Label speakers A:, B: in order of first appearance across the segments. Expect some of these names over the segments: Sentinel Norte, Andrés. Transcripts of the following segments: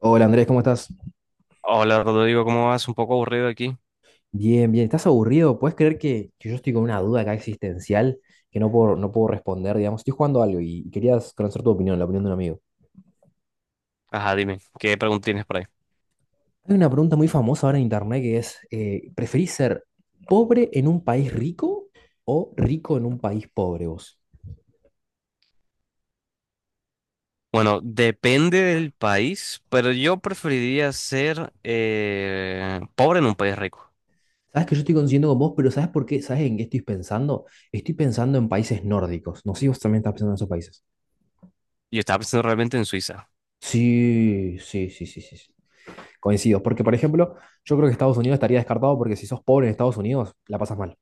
A: Hola Andrés, ¿cómo estás?
B: Hola Rodrigo, ¿cómo vas? Un poco aburrido aquí.
A: Bien, bien. ¿Estás aburrido? ¿Puedes creer que yo estoy con una duda acá existencial que no puedo responder, digamos? Estoy jugando algo y querías conocer tu opinión, la opinión de un amigo.
B: Ajá, dime, ¿qué pregunta tienes por ahí?
A: Hay una pregunta muy famosa ahora en internet que es, ¿preferís ser pobre en un país rico o rico en un país pobre vos?
B: Bueno, depende del país, pero yo preferiría ser pobre en un país rico.
A: Sabes que yo estoy coincidiendo con vos, pero ¿sabes por qué? ¿Sabes en qué estoy pensando? Estoy pensando en países nórdicos. No sé si vos también estás pensando en esos países.
B: Yo estaba pensando realmente en Suiza.
A: Sí, sí, sí, sí, sí, sí. Coincido, porque por ejemplo, yo creo que Estados Unidos estaría descartado porque si sos pobre en Estados Unidos, la pasas mal.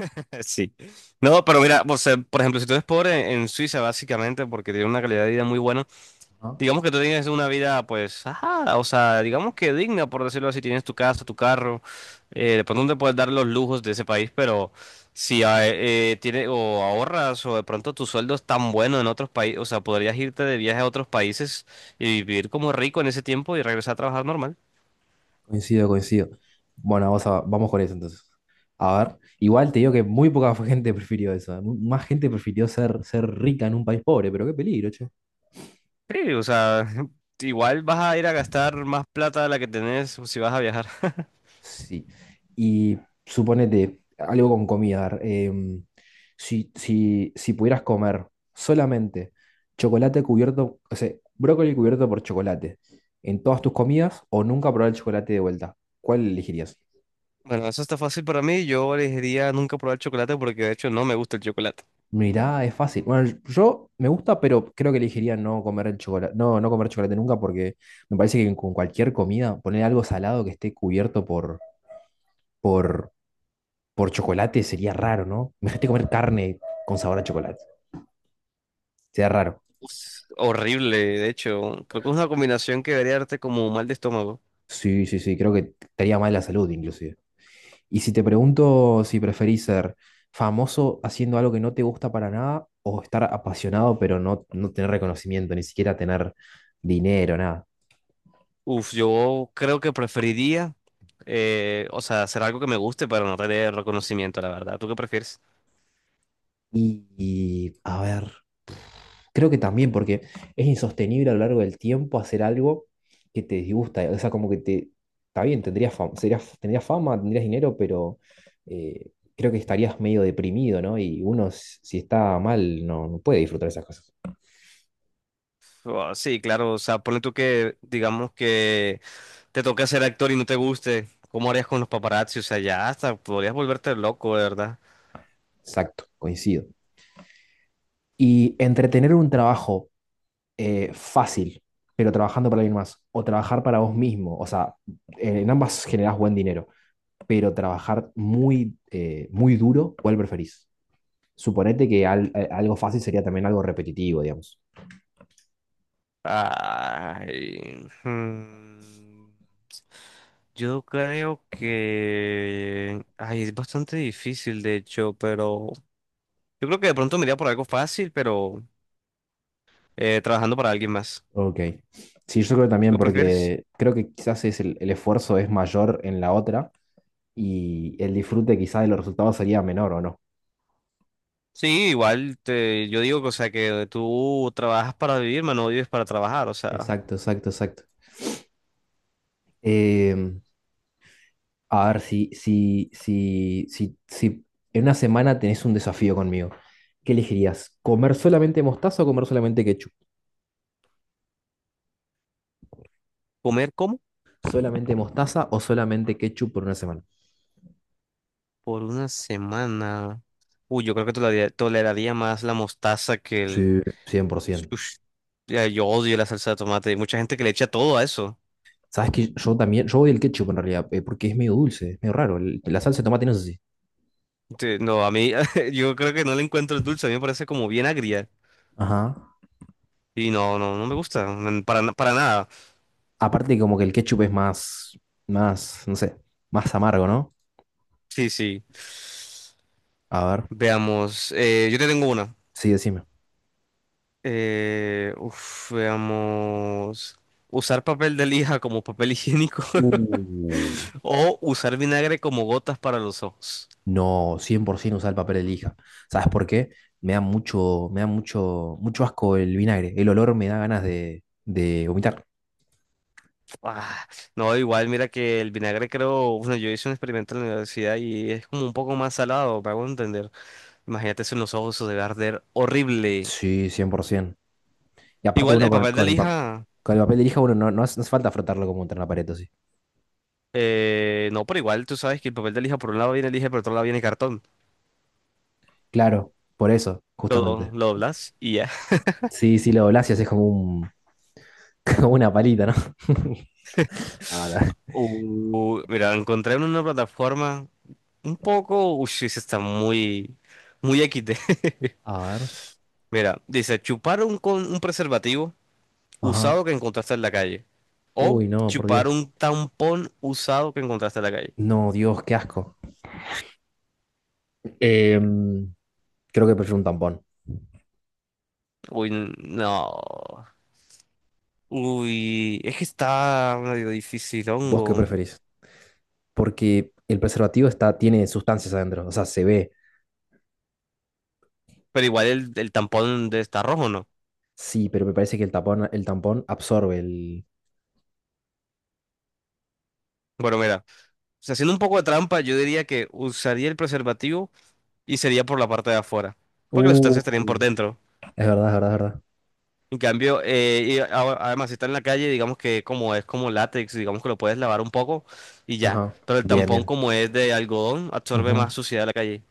B: Sí. No, pero mira, o sea, por ejemplo, si tú eres pobre en Suiza, básicamente, porque tiene una calidad de vida muy buena.
A: Ajá.
B: Digamos que tú tienes una vida, pues, ajá, o sea, digamos que digna, por decirlo así. Tienes tu casa, tu carro, de pronto no te puedes dar los lujos de ese país, pero si o ahorras o de pronto tu sueldo es tan bueno en otros países, o sea, podrías irte de viaje a otros países y vivir como rico en ese tiempo y regresar a trabajar normal.
A: Coincido, coincido. Bueno, vamos, vamos con eso entonces. A ver, igual te digo que muy poca gente prefirió eso, ¿eh? Más gente prefirió ser rica en un país pobre, pero qué peligro, che.
B: Sí, o sea, igual vas a ir a gastar más plata de la que tenés si vas a viajar.
A: Sí. Y suponete, algo con comida. Si pudieras comer solamente chocolate cubierto, o sea, brócoli cubierto por chocolate en todas tus comidas o nunca probar el chocolate de vuelta, ¿cuál elegirías?
B: Bueno, eso está fácil para mí. Yo elegiría nunca probar chocolate porque de hecho no me gusta el chocolate.
A: Mirá, es fácil. Bueno, yo me gusta, pero creo que elegiría no comer el chocolate, no, no comer chocolate nunca porque me parece que con cualquier comida poner algo salado que esté cubierto por, por chocolate sería raro, ¿no? Imagínate comer carne con sabor a chocolate. Sería raro.
B: Uf, horrible, de hecho. Creo que es una combinación que debería darte como mal de estómago.
A: Sí, sí, sí, creo que estaría mal la salud inclusive. Y si te pregunto si preferís ser famoso haciendo algo que no te gusta para nada o estar apasionado pero no, no tener reconocimiento, ni siquiera tener dinero, nada.
B: Uf, yo creo que preferiría, o sea, hacer algo que me guste para no tener reconocimiento, la verdad. ¿Tú qué prefieres?
A: A ver, creo que también, porque es insostenible a lo largo del tiempo hacer algo que te disgusta. O sea, como que te. Está bien, tendrías fama, tendrías fama, tendrías dinero, pero creo que estarías medio deprimido, ¿no? Y uno, si está mal, no, no puede disfrutar esas cosas.
B: Oh, sí, claro, o sea, ponle tú que, digamos que te toca ser actor y no te guste. ¿Cómo harías con los paparazzi? O sea, ya hasta podrías volverte loco, de verdad.
A: Exacto, coincido. Y entretener un trabajo fácil, pero trabajando para alguien más, o trabajar para vos mismo, o sea, en ambas generás buen dinero, pero trabajar muy, muy duro, ¿cuál preferís? Suponete que algo fácil sería también algo repetitivo, digamos.
B: Ay, hmm, yo creo que... Ay, es bastante difícil, de hecho, pero... Yo creo que de pronto me iría por algo fácil, pero trabajando para alguien más.
A: Ok. Sí, yo creo
B: ¿Tú
A: también
B: qué prefieres?
A: porque creo que quizás es el esfuerzo es mayor en la otra y el disfrute quizás de los resultados sería menor o no.
B: Sí, igual te, yo digo que, o sea, que tú trabajas para vivir, mano, no vives para trabajar. O sea,
A: Exacto, exacto, exacto. Em, a ver, si en una semana tenés un desafío conmigo, ¿qué elegirías? ¿Comer solamente mostaza o comer solamente ketchup?
B: ¿comer cómo?
A: ¿Solamente mostaza o solamente ketchup por una semana?
B: Por una semana. Uy, yo creo que toleraría más la mostaza que el...
A: Sí, 100%.
B: Ush. Ya, yo odio la salsa de tomate. Hay mucha gente que le echa todo a eso.
A: Sabes que yo también, yo odio el ketchup en realidad, porque es medio dulce, es medio raro. La salsa de tomate no es así.
B: No, a mí, yo creo que no le encuentro el dulce. A mí me parece como bien agria.
A: Ajá.
B: Y no, no, no me gusta. Para, para nada.
A: Aparte, como que el ketchup es más, más, no sé, más amargo, ¿no?
B: Sí, sí.
A: A ver,
B: Veamos, yo te tengo una.
A: sí, decime.
B: Uf, veamos. Usar papel de lija como papel higiénico
A: Uh.
B: o usar vinagre como gotas para los ojos.
A: No, 100% usar el papel de lija. ¿Sabes por qué? Me da mucho, mucho asco el vinagre. El olor me da ganas de vomitar.
B: Ah, no, igual, mira que el vinagre creo, bueno, yo hice un experimento en la universidad y es como un poco más salado, me hago entender. Imagínate eso en los ojos, eso debe arder horrible.
A: Sí, 100%. Y aparte
B: Igual,
A: uno
B: el
A: con,
B: papel de lija,
A: con el papel de lija, uno no, no hace, no hace falta frotarlo como contra una pared, sí.
B: no, pero igual tú sabes que el papel de lija por un lado viene lija y por otro lado viene cartón.
A: Claro, por eso,
B: Lo,
A: justamente.
B: lo doblas y ya.
A: Sí, sí, lo doblás y haces como un, como una palita, ¿no? Ah, la-
B: Mira, encontré en una plataforma un poco. Uy, sí, sí está muy. Muy XD.
A: A ver.
B: Mira, dice: chupar un, con un preservativo
A: Ajá.
B: usado que encontraste en la calle. O
A: Uy, no, por
B: chupar
A: Dios.
B: un tampón usado que encontraste en la calle.
A: No, Dios, qué asco. Em, creo que prefiero un tampón.
B: Uy, no. Uy, es que está medio difícil,
A: ¿Vos qué
B: hongo.
A: preferís? Porque el preservativo está, tiene sustancias adentro. O sea, se ve.
B: Pero igual el tampón de está rojo, ¿no?
A: Sí, pero me parece que el tapón, el tampón absorbe el.
B: Bueno, mira, o sea, haciendo un poco de trampa, yo diría que usaría el preservativo y sería por la parte de afuera, porque las
A: Uh,
B: sustancias estarían por dentro.
A: es verdad, es verdad, es verdad.
B: En cambio, además si está en la calle, digamos que como es como látex, digamos que lo puedes lavar un poco y ya.
A: Ajá.
B: Pero el
A: Bien,
B: tampón
A: bien.
B: como es de algodón, absorbe más
A: Ujú.
B: suciedad de la calle.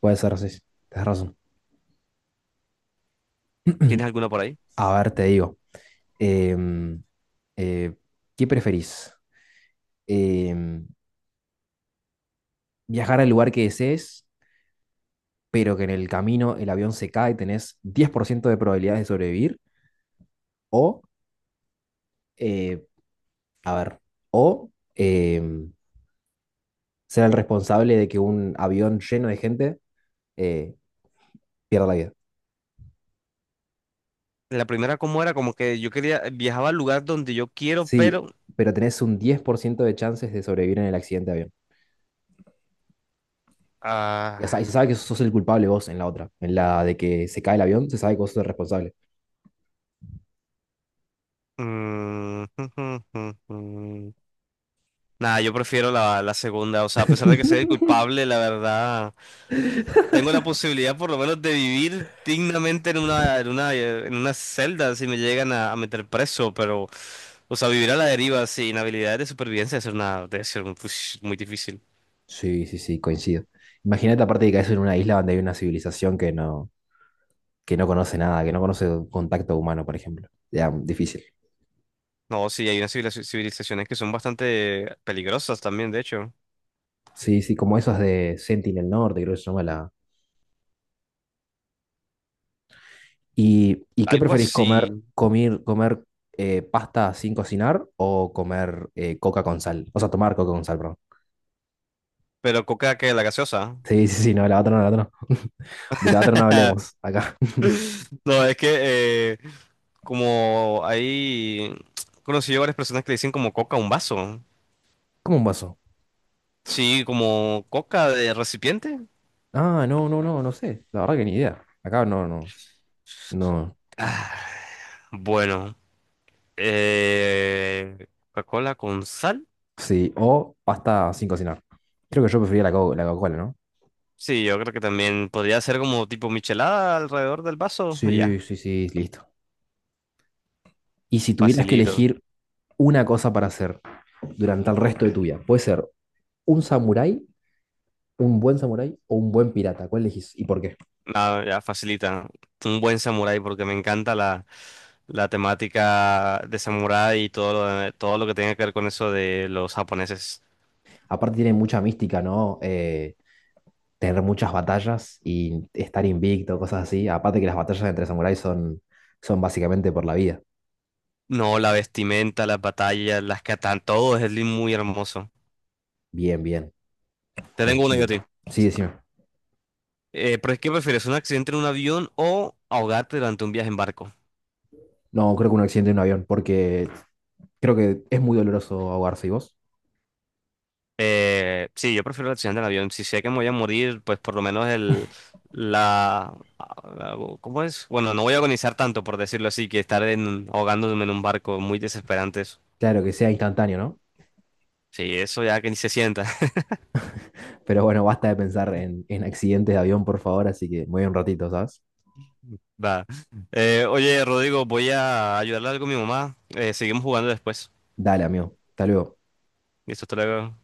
A: Puede ser así. Tienes razón.
B: ¿Tienes alguna por ahí?
A: A ver, te digo. Em, eh, ¿Qué preferís? em, viajar al lugar que desees, pero que en el camino el avión se cae, tenés 10% de probabilidades de sobrevivir, o, eh, a ver, o em, ser el responsable de que un avión lleno de gente eh, pierda la vida.
B: La primera como era como que yo quería viajaba al lugar donde yo quiero,
A: Sí,
B: pero
A: pero tenés un 10% de chances de sobrevivir en el accidente de avión.
B: ah,
A: Y, o sea, y se sabe que sos el culpable vos en la otra, en la de que se cae el avión, se sabe que vos sos el responsable.
B: mm, Nada, yo prefiero la, la segunda, o sea, a pesar de que sea el culpable, la verdad tengo la posibilidad por lo menos de vivir dignamente en una, en una, en una celda si me llegan a meter preso, pero, o sea, vivir a la deriva sin habilidades de supervivencia es una, debe ser muy, pues, muy difícil.
A: Sí, sí, sí, coincido. Imagínate aparte de que caes en una isla donde hay una civilización que no conoce nada, que no conoce contacto humano, por ejemplo. Ya, difícil.
B: No, sí, hay unas civilizaciones que son bastante peligrosas también, de hecho.
A: Sí, sí, como esas de Sentinel Norte, creo que se llama la. ¿Y qué
B: Algo
A: preferís
B: así,
A: comer? ¿Comer, comer pasta sin cocinar o comer coca con sal? O sea, tomar coca con sal, perdón.
B: pero coca que la gaseosa.
A: Sí, sí, sí, no, la otra no, la otra no. De la otra no hablemos, acá.
B: No, es que como hay he conocido varias personas que le dicen como coca a un vaso.
A: ¿Cómo un vaso?
B: Sí, como coca de recipiente.
A: Ah, no, no, no, no sé. La verdad que ni idea. Acá no, no, no.
B: Bueno. Eh, Coca-Cola con sal.
A: Sí, o pasta sin cocinar. Creo que yo prefería la Coca-Cola, ¿no?
B: Sí, yo creo que también podría ser como tipo michelada alrededor del vaso.
A: Sí,
B: Ya,
A: sí, sí, listo. Y si tuvieras que
B: facilito.
A: elegir una cosa para hacer durante el resto de tu vida. Puede ser un samurái, un buen samurái o un buen pirata. ¿Cuál elegís y por qué?
B: Nada, ya facilita. Un buen samurái porque me encanta la, la temática de samurái y todo lo, todo lo que tenga que ver con eso de los japoneses.
A: Aparte tiene mucha mística, ¿no? Tener muchas batallas y estar invicto, cosas así. Aparte que las batallas entre samuráis son, son básicamente por la vida.
B: No, la vestimenta, las batallas, las katanas, todo es muy hermoso.
A: Bien, bien,
B: Te tengo una yo a
A: coincido.
B: ti.
A: Sí, decime.
B: ¿Pero es que prefieres un accidente en un avión o ahogarte durante un viaje en barco?
A: No, creo que un accidente en un avión, porque creo que es muy doloroso ahogarse y vos.
B: Sí, yo prefiero el accidente del avión. Si sé que me voy a morir, pues por lo menos la ¿cómo es? Bueno, no voy a agonizar tanto, por decirlo así, que estar en, ahogándome en un barco muy desesperante. Eso.
A: Claro que sea instantáneo, ¿no?
B: Sí, eso ya que ni se sienta.
A: Pero bueno, basta de pensar en accidentes de avión, por favor, así que me voy un ratito, ¿sabes?
B: Va. Oye, Rodrigo, voy a ayudarle algo a mi mamá. Seguimos jugando después.
A: Dale, amigo. Hasta luego.
B: Listo, hasta luego.